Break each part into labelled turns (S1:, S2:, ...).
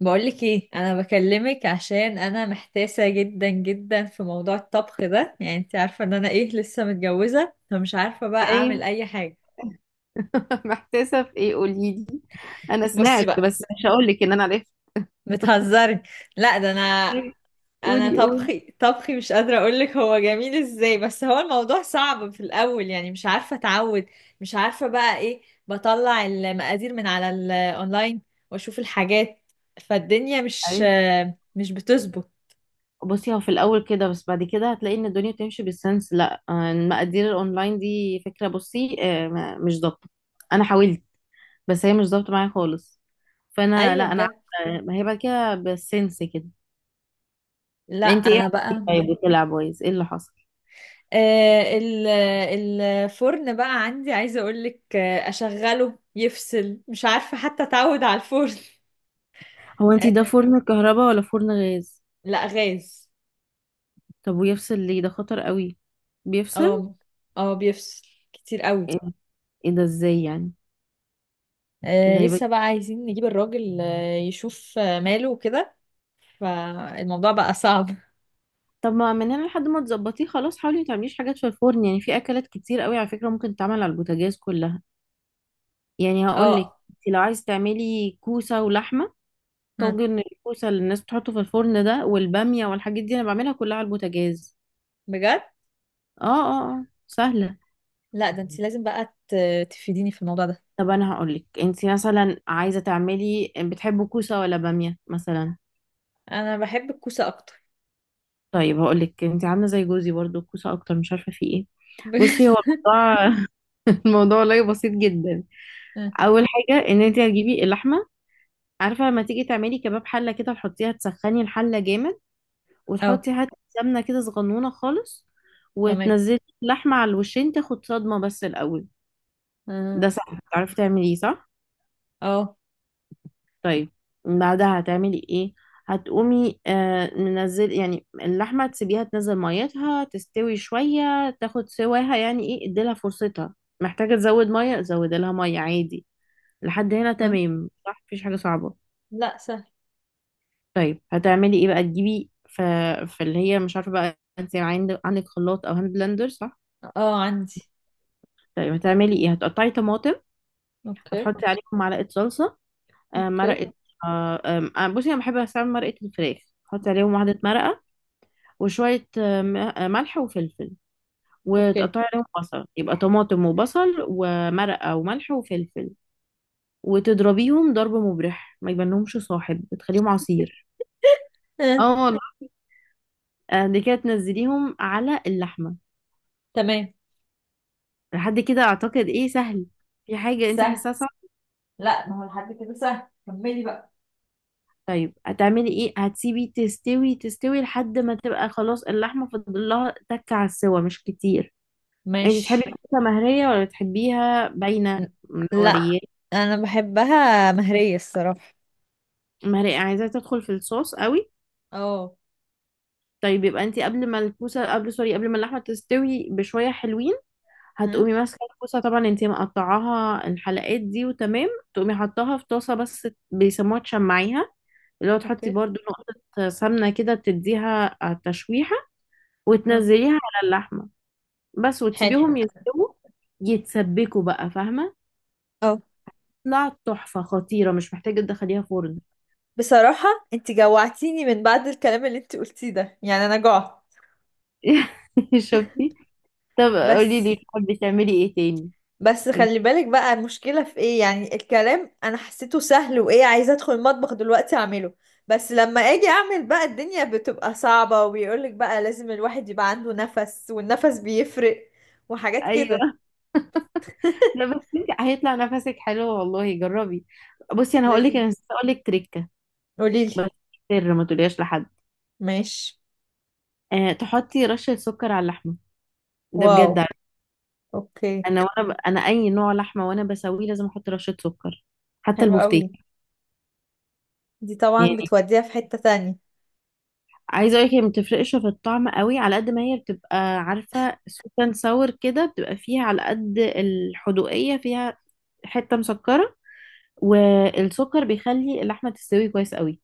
S1: بقولك ايه؟ انا بكلمك عشان انا محتاسه جدا جدا في موضوع الطبخ ده. يعني انت عارفه ان انا ايه، لسه متجوزه فمش عارفه بقى
S2: ايوه.
S1: اعمل اي حاجه.
S2: محتاسه في ايه؟ قولي لي. انا
S1: بصي
S2: سمعت
S1: بقى.
S2: بس مش هقول لك ان انا عرفت.
S1: بتهزري؟ لا ده انا
S2: طيب،
S1: انا
S2: قولي قولي.
S1: طبخي مش قادره اقولك هو جميل ازاي، بس هو الموضوع صعب في الاول، يعني مش عارفه اتعود. مش عارفه بقى ايه. بطلع المقادير من على الاونلاين واشوف الحاجات، فالدنيا مش
S2: ايوه.
S1: مش بتظبط.
S2: بصي، هو في الاول كده، بس بعد كده هتلاقي ان الدنيا بتمشي بالسنس. لا آه، المقادير الاونلاين دي فكره، بصي آه، مش ضابطه. انا حاولت بس هي مش ضابطه معايا خالص. فانا
S1: ايوه،
S2: لا انا
S1: بجد.
S2: عارفة، ما هي بعد كده بالسنس كده.
S1: لا
S2: انت ايه
S1: انا
S2: عملتي
S1: بقى
S2: طيب وطلع بايظ؟ ايه اللي حصل؟
S1: آه، ال- الفرن بقى عندي عايزة أقولك، أشغله يفصل، مش عارفة حتى أتعود على الفرن.
S2: هو انت
S1: آه،
S2: ده فرن كهرباء ولا فرن غاز؟
S1: لا غاز.
S2: طب ويفصل ليه؟ ده خطر قوي. بيفصل؟
S1: اه. اه بيفصل كتير قوي.
S2: ايه، إيه ده؟ ازاي يعني؟ غريبة.
S1: لسه بقى عايزين نجيب الراجل يشوف ماله وكده. فالموضوع بقى صعب.
S2: طب ما من هنا لحد ما تظبطيه خلاص، حاولي ما تعمليش حاجات في الفرن. يعني في اكلات كتير قوي على فكره ممكن تتعمل على البوتاجاز كلها. يعني هقول لك،
S1: اه.
S2: لو عايز تعملي كوسه ولحمه،
S1: هم،
S2: طاجن الكوسه اللي الناس بتحطه في الفرن ده، والباميه والحاجات دي، انا بعملها كلها على البوتاجاز.
S1: بجد.
S2: اه اه اه، سهله.
S1: لا، ده انت لازم بقى تفيديني في الموضوع ده.
S2: طب انا هقول لك، انت مثلا عايزه تعملي بتحبوا كوسه ولا باميه مثلا؟
S1: انا بحب الكوسة اكتر.
S2: طيب هقول لك، انت عامله زي جوزي برضو، الكوسه اكتر، مش عارفه في ايه. بصي،
S1: بجد.
S2: هو الموضوع، الموضوع والله بسيط جدا. اول حاجه، ان انت هتجيبي اللحمه. عارفه لما تيجي تعملي كباب حله كده، تحطيها، تسخني الحله جامد،
S1: اه.
S2: وتحطي حته سمنه كده صغنونه خالص،
S1: تمام.
S2: وتنزلي اللحمه على الوشين تاخد صدمه بس الاول.
S1: مم.
S2: ده سهل، تعرفي تعمليه صح؟
S1: اه.
S2: طيب، بعدها هتعملي ايه؟ هتقومي منزل يعني اللحمه، تسيبيها تنزل ميتها، تستوي شويه، تاخد سواها، يعني ايه، اديلها فرصتها. محتاجه تزود ميه، زودي لها ميه عادي. لحد هنا
S1: مم.
S2: تمام صح؟ مفيش حاجه صعبه.
S1: لا، سهل.
S2: طيب هتعملي ايه بقى؟ تجيبي فاللي هي مش عارفه بقى، عندك خلاط او هاند بلندر صح؟
S1: اه، عندي.
S2: طيب هتعملي ايه؟ هتقطعي طماطم،
S1: اوكي.
S2: هتحطي عليهم معلقه صلصه،
S1: اوكي.
S2: مرقه. آه، آم، آه، بصي انا بحب استعمل مرقه الفراخ. تحطي عليهم واحده مرقه، وشويه ملح وفلفل،
S1: اوكي.
S2: وتقطعي عليهم بصل. يبقى طماطم وبصل ومرقه وملح وفلفل، وتضربيهم ضرب مبرح ما يبانلهمش صاحب، بتخليهم عصير.
S1: آه.
S2: اه والله. دي كده تنزليهم على اللحمه.
S1: تمام.
S2: لحد كده اعتقد ايه، سهل. في حاجة انت
S1: سهل.
S2: حاساها صعبة؟
S1: لا، ما هو لحد كده سهل، كملي بقى.
S2: طيب هتعملي ايه؟ هتسيبي تستوي لحد ما تبقى خلاص اللحمة فاضل لها تكة على السوا مش كتير. انت تحبي
S1: ماشي.
S2: الكوسة مهرية ولا تحبيها باينة؟
S1: ن- لا،
S2: مورية؟
S1: انا بحبها مهرية الصراحة.
S2: مهرية، عايزاها تدخل في الصوص قوي.
S1: اه.
S2: طيب، يبقى انت قبل ما اللحمة تستوي بشوية حلوين،
S1: ها.
S2: هتقومي ماسكه الكوسه، طبعا انتي مقطعاها الحلقات دي وتمام، تقومي حطاها في طاسه، بس بيسموها تشمعيها، اللي هو تحطي
S1: اوكي.
S2: برضو نقطه سمنه كده تديها على التشويحه،
S1: اه.
S2: وتنزليها على اللحمه بس،
S1: حلو.
S2: وتسيبيهم يستووا، يتسبكوا بقى، فاهمه؟
S1: اه.
S2: طلعت تحفه خطيره، مش محتاجه تدخليها فرن.
S1: بصراحة، انت جوعتيني من بعد الكلام اللي انت قلتيه ده، يعني انا جوعت.
S2: شفتي؟ طب قولي
S1: بس
S2: لي، بتعملي ايه تاني؟
S1: بس
S2: قولي-
S1: خلي بالك بقى، المشكلة في ايه؟ يعني الكلام انا حسيته سهل، وايه، عايزة ادخل المطبخ دلوقتي اعمله. بس لما اجي اعمل بقى الدنيا بتبقى صعبة، وبيقولك بقى لازم الواحد يبقى عنده نفس، والنفس بيفرق. وحاجات كده.
S2: ايوه. لا بس انت هيطلع نفسك حلو والله، جربي. بصي، انا هقول لك
S1: لازم.
S2: انا هقول لك تريك،
S1: قوليلي.
S2: بس سر ما تقوليهاش لحد.
S1: ماشي.
S2: آه، تحطي رشة سكر على اللحمة. ده
S1: واو.
S2: بجد عادي.
S1: اوكي.
S2: انا انا اي نوع لحمة وانا بسويه لازم احط رشة سكر، حتى
S1: حلو قوي.
S2: البوفتيك.
S1: دي طبعا
S2: يعني
S1: بتوديها في حتة تانية.
S2: عايزة اقولك، هي ما بتفرقش في الطعم قوي، على قد ما هي بتبقى، عارفة، سويت اند ساور كده، بتبقى فيها على قد الحدوقية فيها، حتة مسكرة، والسكر بيخلي اللحمة تستوي كويس قوي.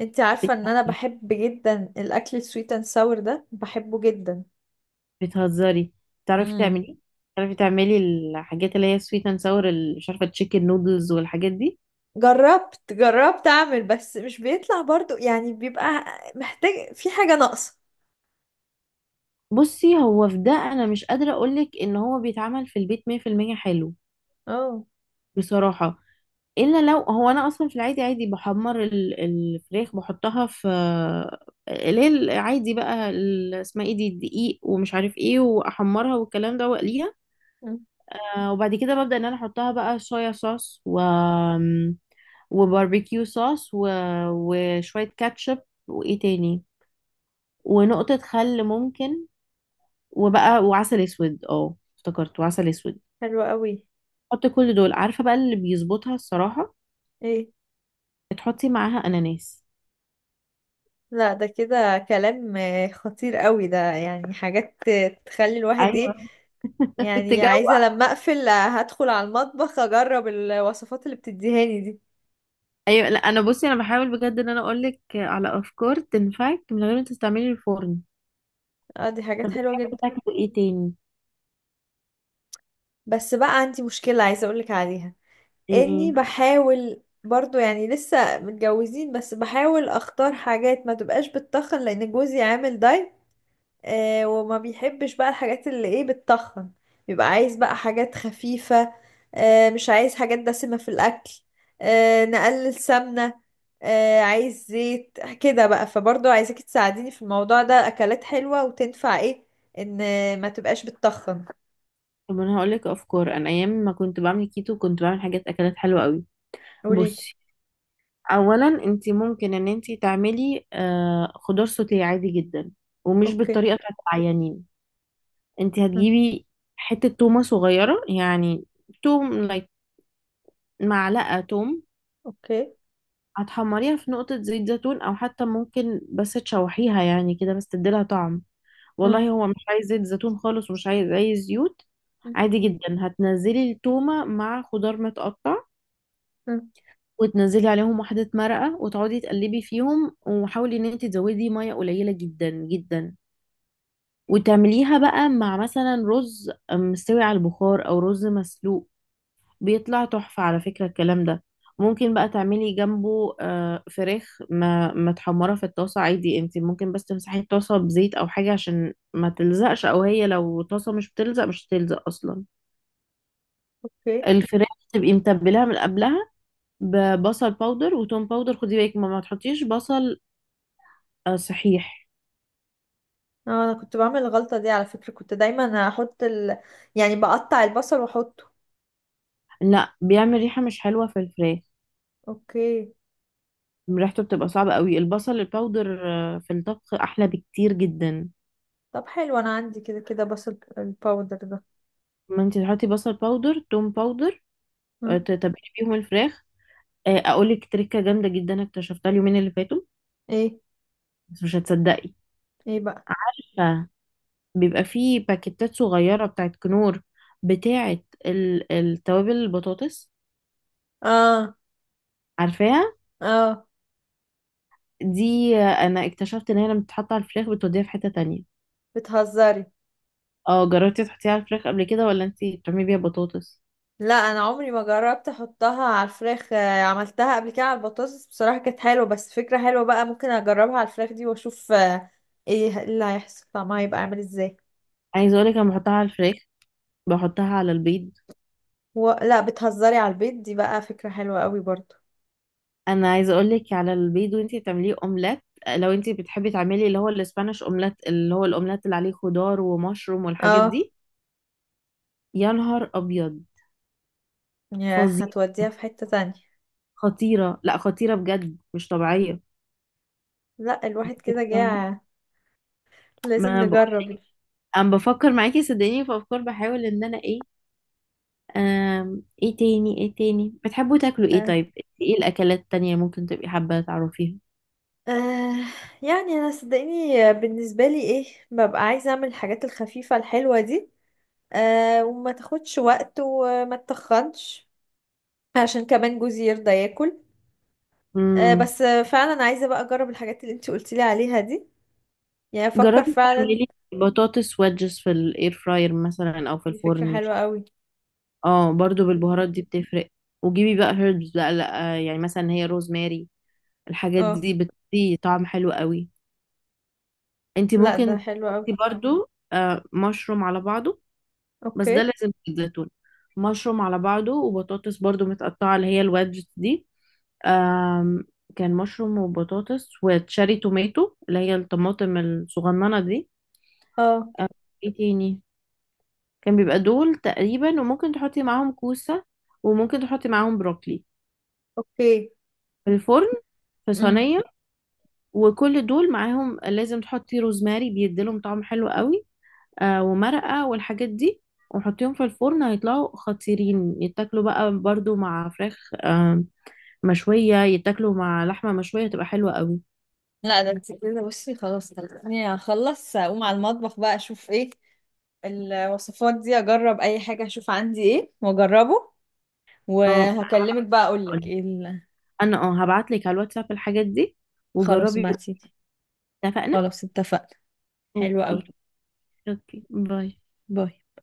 S1: انت عارفة ان انا بحب جدا الاكل السويت اند ساور ده، بحبه جدا.
S2: بتهزري؟ بتعرفي
S1: امم
S2: تعملي؟ بتعرفي تعملي الحاجات اللي هي سويت اند ساور، مش عارفة، تشيكن نودلز والحاجات دي؟
S1: جربت اعمل، بس مش بيطلع برضو، يعني بيبقى محتاج، في حاجة ناقصة.
S2: بصي، هو في ده انا مش قادره اقولك ان هو بيتعمل في البيت 100% حلو،
S1: اه.
S2: بصراحه. الا لو هو، انا اصلا في العادي، عادي بحمر الفراخ، بحطها في اللي هي العادي بقى، اسمها ايه دي، الدقيق ومش عارف ايه، واحمرها والكلام ده واقليها.
S1: مم.
S2: وبعد كده ببدا ان انا احطها بقى صويا صوص، و وباربيكيو صوص و... وشويه كاتشب، وايه تاني، ونقطه خل ممكن، وبقى وعسل اسود، اه افتكرت، وعسل اسود.
S1: حلو قوي.
S2: حطي كل دول، عارفه بقى اللي بيظبطها الصراحه،
S1: ايه.
S2: تحطي معاها اناناس.
S1: لا ده كده كلام خطير قوي، ده يعني حاجات تخلي الواحد
S2: ايوه.
S1: ايه؟ يعني
S2: تجوع.
S1: عايزة لما اقفل هدخل على المطبخ اجرب الوصفات اللي بتديهاني دي.
S2: ايوه. لا انا بصي انا بحاول بجد ان انا اقول لك على افكار تنفعك من غير ما تستعملي الفرن.
S1: اه، دي حاجات
S2: طب
S1: حلوة
S2: بتحبي
S1: جدا.
S2: تاكلي ايه تاني؟
S1: بس بقى عندي مشكلة عايزة اقولك عليها. اني
S2: ايه؟
S1: بحاول برضو يعني لسه متجوزين، بس بحاول اختار حاجات ما تبقاش بتتخن لان جوزي عامل دايت. وما بيحبش بقى الحاجات اللي ايه بتتخن. بيبقى عايز بقى حاجات خفيفة. مش عايز حاجات دسمة في الاكل. نقلل سمنة. عايز زيت كده بقى، فبرضو عايزاكي تساعديني في الموضوع ده، اكلات حلوة وتنفع ايه، ان ما تبقاش بتتخن.
S2: طب انا هقول لك افكار، انا ايام ما كنت بعمل كيتو كنت بعمل حاجات اكلات حلوه قوي.
S1: قوليلي.
S2: بصي، اولا انت ممكن ان انت تعملي آه خضار سوتيه عادي جدا، ومش
S1: اوكي.
S2: بالطريقه بتاعت العيانين. انت
S1: م.
S2: هتجيبي حته تومه صغيره يعني، توم like، معلقة توم.
S1: اوكي.
S2: هتحمريها في نقطة زيت زيتون، أو حتى ممكن بس تشوحيها يعني كده بس تديلها طعم. والله
S1: م.
S2: هو مش عايز زيت زيتون خالص ومش عايز أي زيوت.
S1: م.
S2: عادي جدا، هتنزلي التومة مع خضار متقطع،
S1: م.
S2: وتنزلي عليهم واحدة مرقة، وتقعدي تقلبي فيهم، وحاولي ان انت تزودي مية قليلة جدا جدا، وتعمليها بقى مع مثلا رز مستوي على البخار او رز مسلوق. بيطلع تحفة على فكرة الكلام ده. ممكن بقى تعملي جنبه فراخ ما متحمرة في الطاسة عادي. انت ممكن بس تمسحي الطاسة بزيت او حاجة عشان ما تلزقش، او هي لو طاسة مش بتلزق مش هتلزق اصلا.
S1: اوكي.
S2: الفراخ تبقي متبلاها من قبلها ببصل باودر وتوم باودر. خدي بالك ما تحطيش بصل. صحيح.
S1: اه، انا كنت بعمل الغلطة دي على فكرة، كنت دايما احط يعني بقطع البصل واحطه.
S2: لا، بيعمل ريحة مش حلوة في الفراخ.
S1: اوكي.
S2: ريحته بتبقى صعبة قوي. البصل الباودر في الطبخ احلى بكتير جدا.
S1: طب حلو، انا عندي كده كده بصل الباودر ده.
S2: ما انت تحطي بصل باودر توم باودر،
S1: هم؟
S2: تتبلي بيهم الفراخ. اقولك تركه جامده جدا اكتشفتها اليومين اللي فاتوا،
S1: ايه.
S2: بس مش هتصدقي.
S1: ايه بقى؟
S2: فبيبقى فيه باكيتات صغيره بتاعت كنور، بتاعت التوابل، البطاطس،
S1: اه،
S2: عارفاها؟
S1: اه.
S2: دي انا اكتشفت ان هي لما بتتحط على الفراخ بتوديها في حته تانية.
S1: بتهزري؟
S2: اه، جربتي تحطيها على الفراخ قبل كده ولا انتي بتعملي بيها بطاطس؟
S1: لا، انا عمري ما جربت احطها على الفراخ، عملتها قبل كده على البطاطس بصراحة كانت حلوة، بس فكرة حلوة بقى ممكن اجربها على الفراخ دي واشوف ايه اللي هيحصل طعمها هيبقى عامل ازاي.
S2: عايزه اقولك انا بحطها على الفراخ، بحطها على البيض.
S1: لا، بتهزري؟ على البيض دي بقى فكرة حلوة قوي برضو.
S2: انا عايزه اقول لك على البيض وانتي بتعمليه اومليت، لو انتي بتحبي تعملي اللي هو الاسبانيش اومليت، اللي هو الاومليت اللي عليه خضار ومشروم والحاجات
S1: اه.
S2: دي، يا نهار ابيض،
S1: يا
S2: فظيع.
S1: هتوديها في حتة تانية.
S2: خطيره، لا خطيره بجد، مش طبيعيه.
S1: لا، الواحد كده جاع،
S2: ما
S1: لازم
S2: انا بقول،
S1: نجرب.
S2: انا بفكر معاكي صدقيني في افكار، بحاول ان انا ايه. ايه تاني، ايه تاني بتحبوا تاكلوا ايه
S1: آه.
S2: طيب؟ ايه الاكلات التانية ممكن تبقي حابه تعرفيها؟
S1: آه. يعني انا صدقيني بالنسبه لي ايه، ببقى عايزه اعمل الحاجات الخفيفه الحلوه دي. وما تاخدش وقت وما تتخنش عشان كمان جوزي يرضى ياكل.
S2: امم،
S1: بس فعلا عايزه بقى اجرب الحاجات اللي انت قلتي لي عليها دي، يعني افكر
S2: جربي
S1: فعلا.
S2: تعملي بطاطس ويدجز في الاير فراير مثلا او في
S1: دي فكره
S2: الفرن. مش،
S1: حلوه قوي.
S2: اه برضو بالبهارات دي بتفرق. وجيبي بقى هيربز بقى، لا يعني مثلا هي روزماري، الحاجات
S1: اه.
S2: دي بتدي طعم حلو قوي. انت
S1: لا ده
S2: ممكن
S1: حلو قوي.
S2: تحطي برضو آه مشروم على بعضه، بس ده
S1: اوكي.
S2: لازم في الزيتون. مشروم على بعضه، وبطاطس برضو متقطعة اللي هي الوادجز دي، آم، كان مشروم وبطاطس وتشاري توماتو اللي هي الطماطم الصغننة دي.
S1: اه.
S2: ايه تاني؟ كان بيبقى دول تقريبا. وممكن تحطي معاهم كوسة، وممكن تحطي معاهم بروكلي،
S1: اوكي.
S2: في الفرن في صينية. وكل دول معاهم لازم تحطي روزماري، بيديلهم طعم حلو قوي. آه، ومرقة والحاجات دي، وحطيهم في الفرن هيطلعوا خطيرين. يتاكلوا بقى برضو مع فراخ آه مشوية، يتاكلوا مع لحمة مشوية، تبقى حلوة قوي.
S1: لا ده انت كده، بصي خلاص خلصني، هخلص اقوم على المطبخ بقى، اشوف ايه الوصفات دي، اجرب اي حاجة، اشوف عندي ايه واجربه.
S2: اه،
S1: وهكلمك بقى
S2: هقولك.
S1: اقولك ايه.
S2: انا اه هبعتلك على الواتساب الحاجات دي،
S1: خلاص
S2: وجربي.
S1: ابعتيلي.
S2: اتفقنا.
S1: خلاص اتفقنا. حلو
S2: اوكي.
S1: قوي.
S2: اوكي، باي.
S1: باي.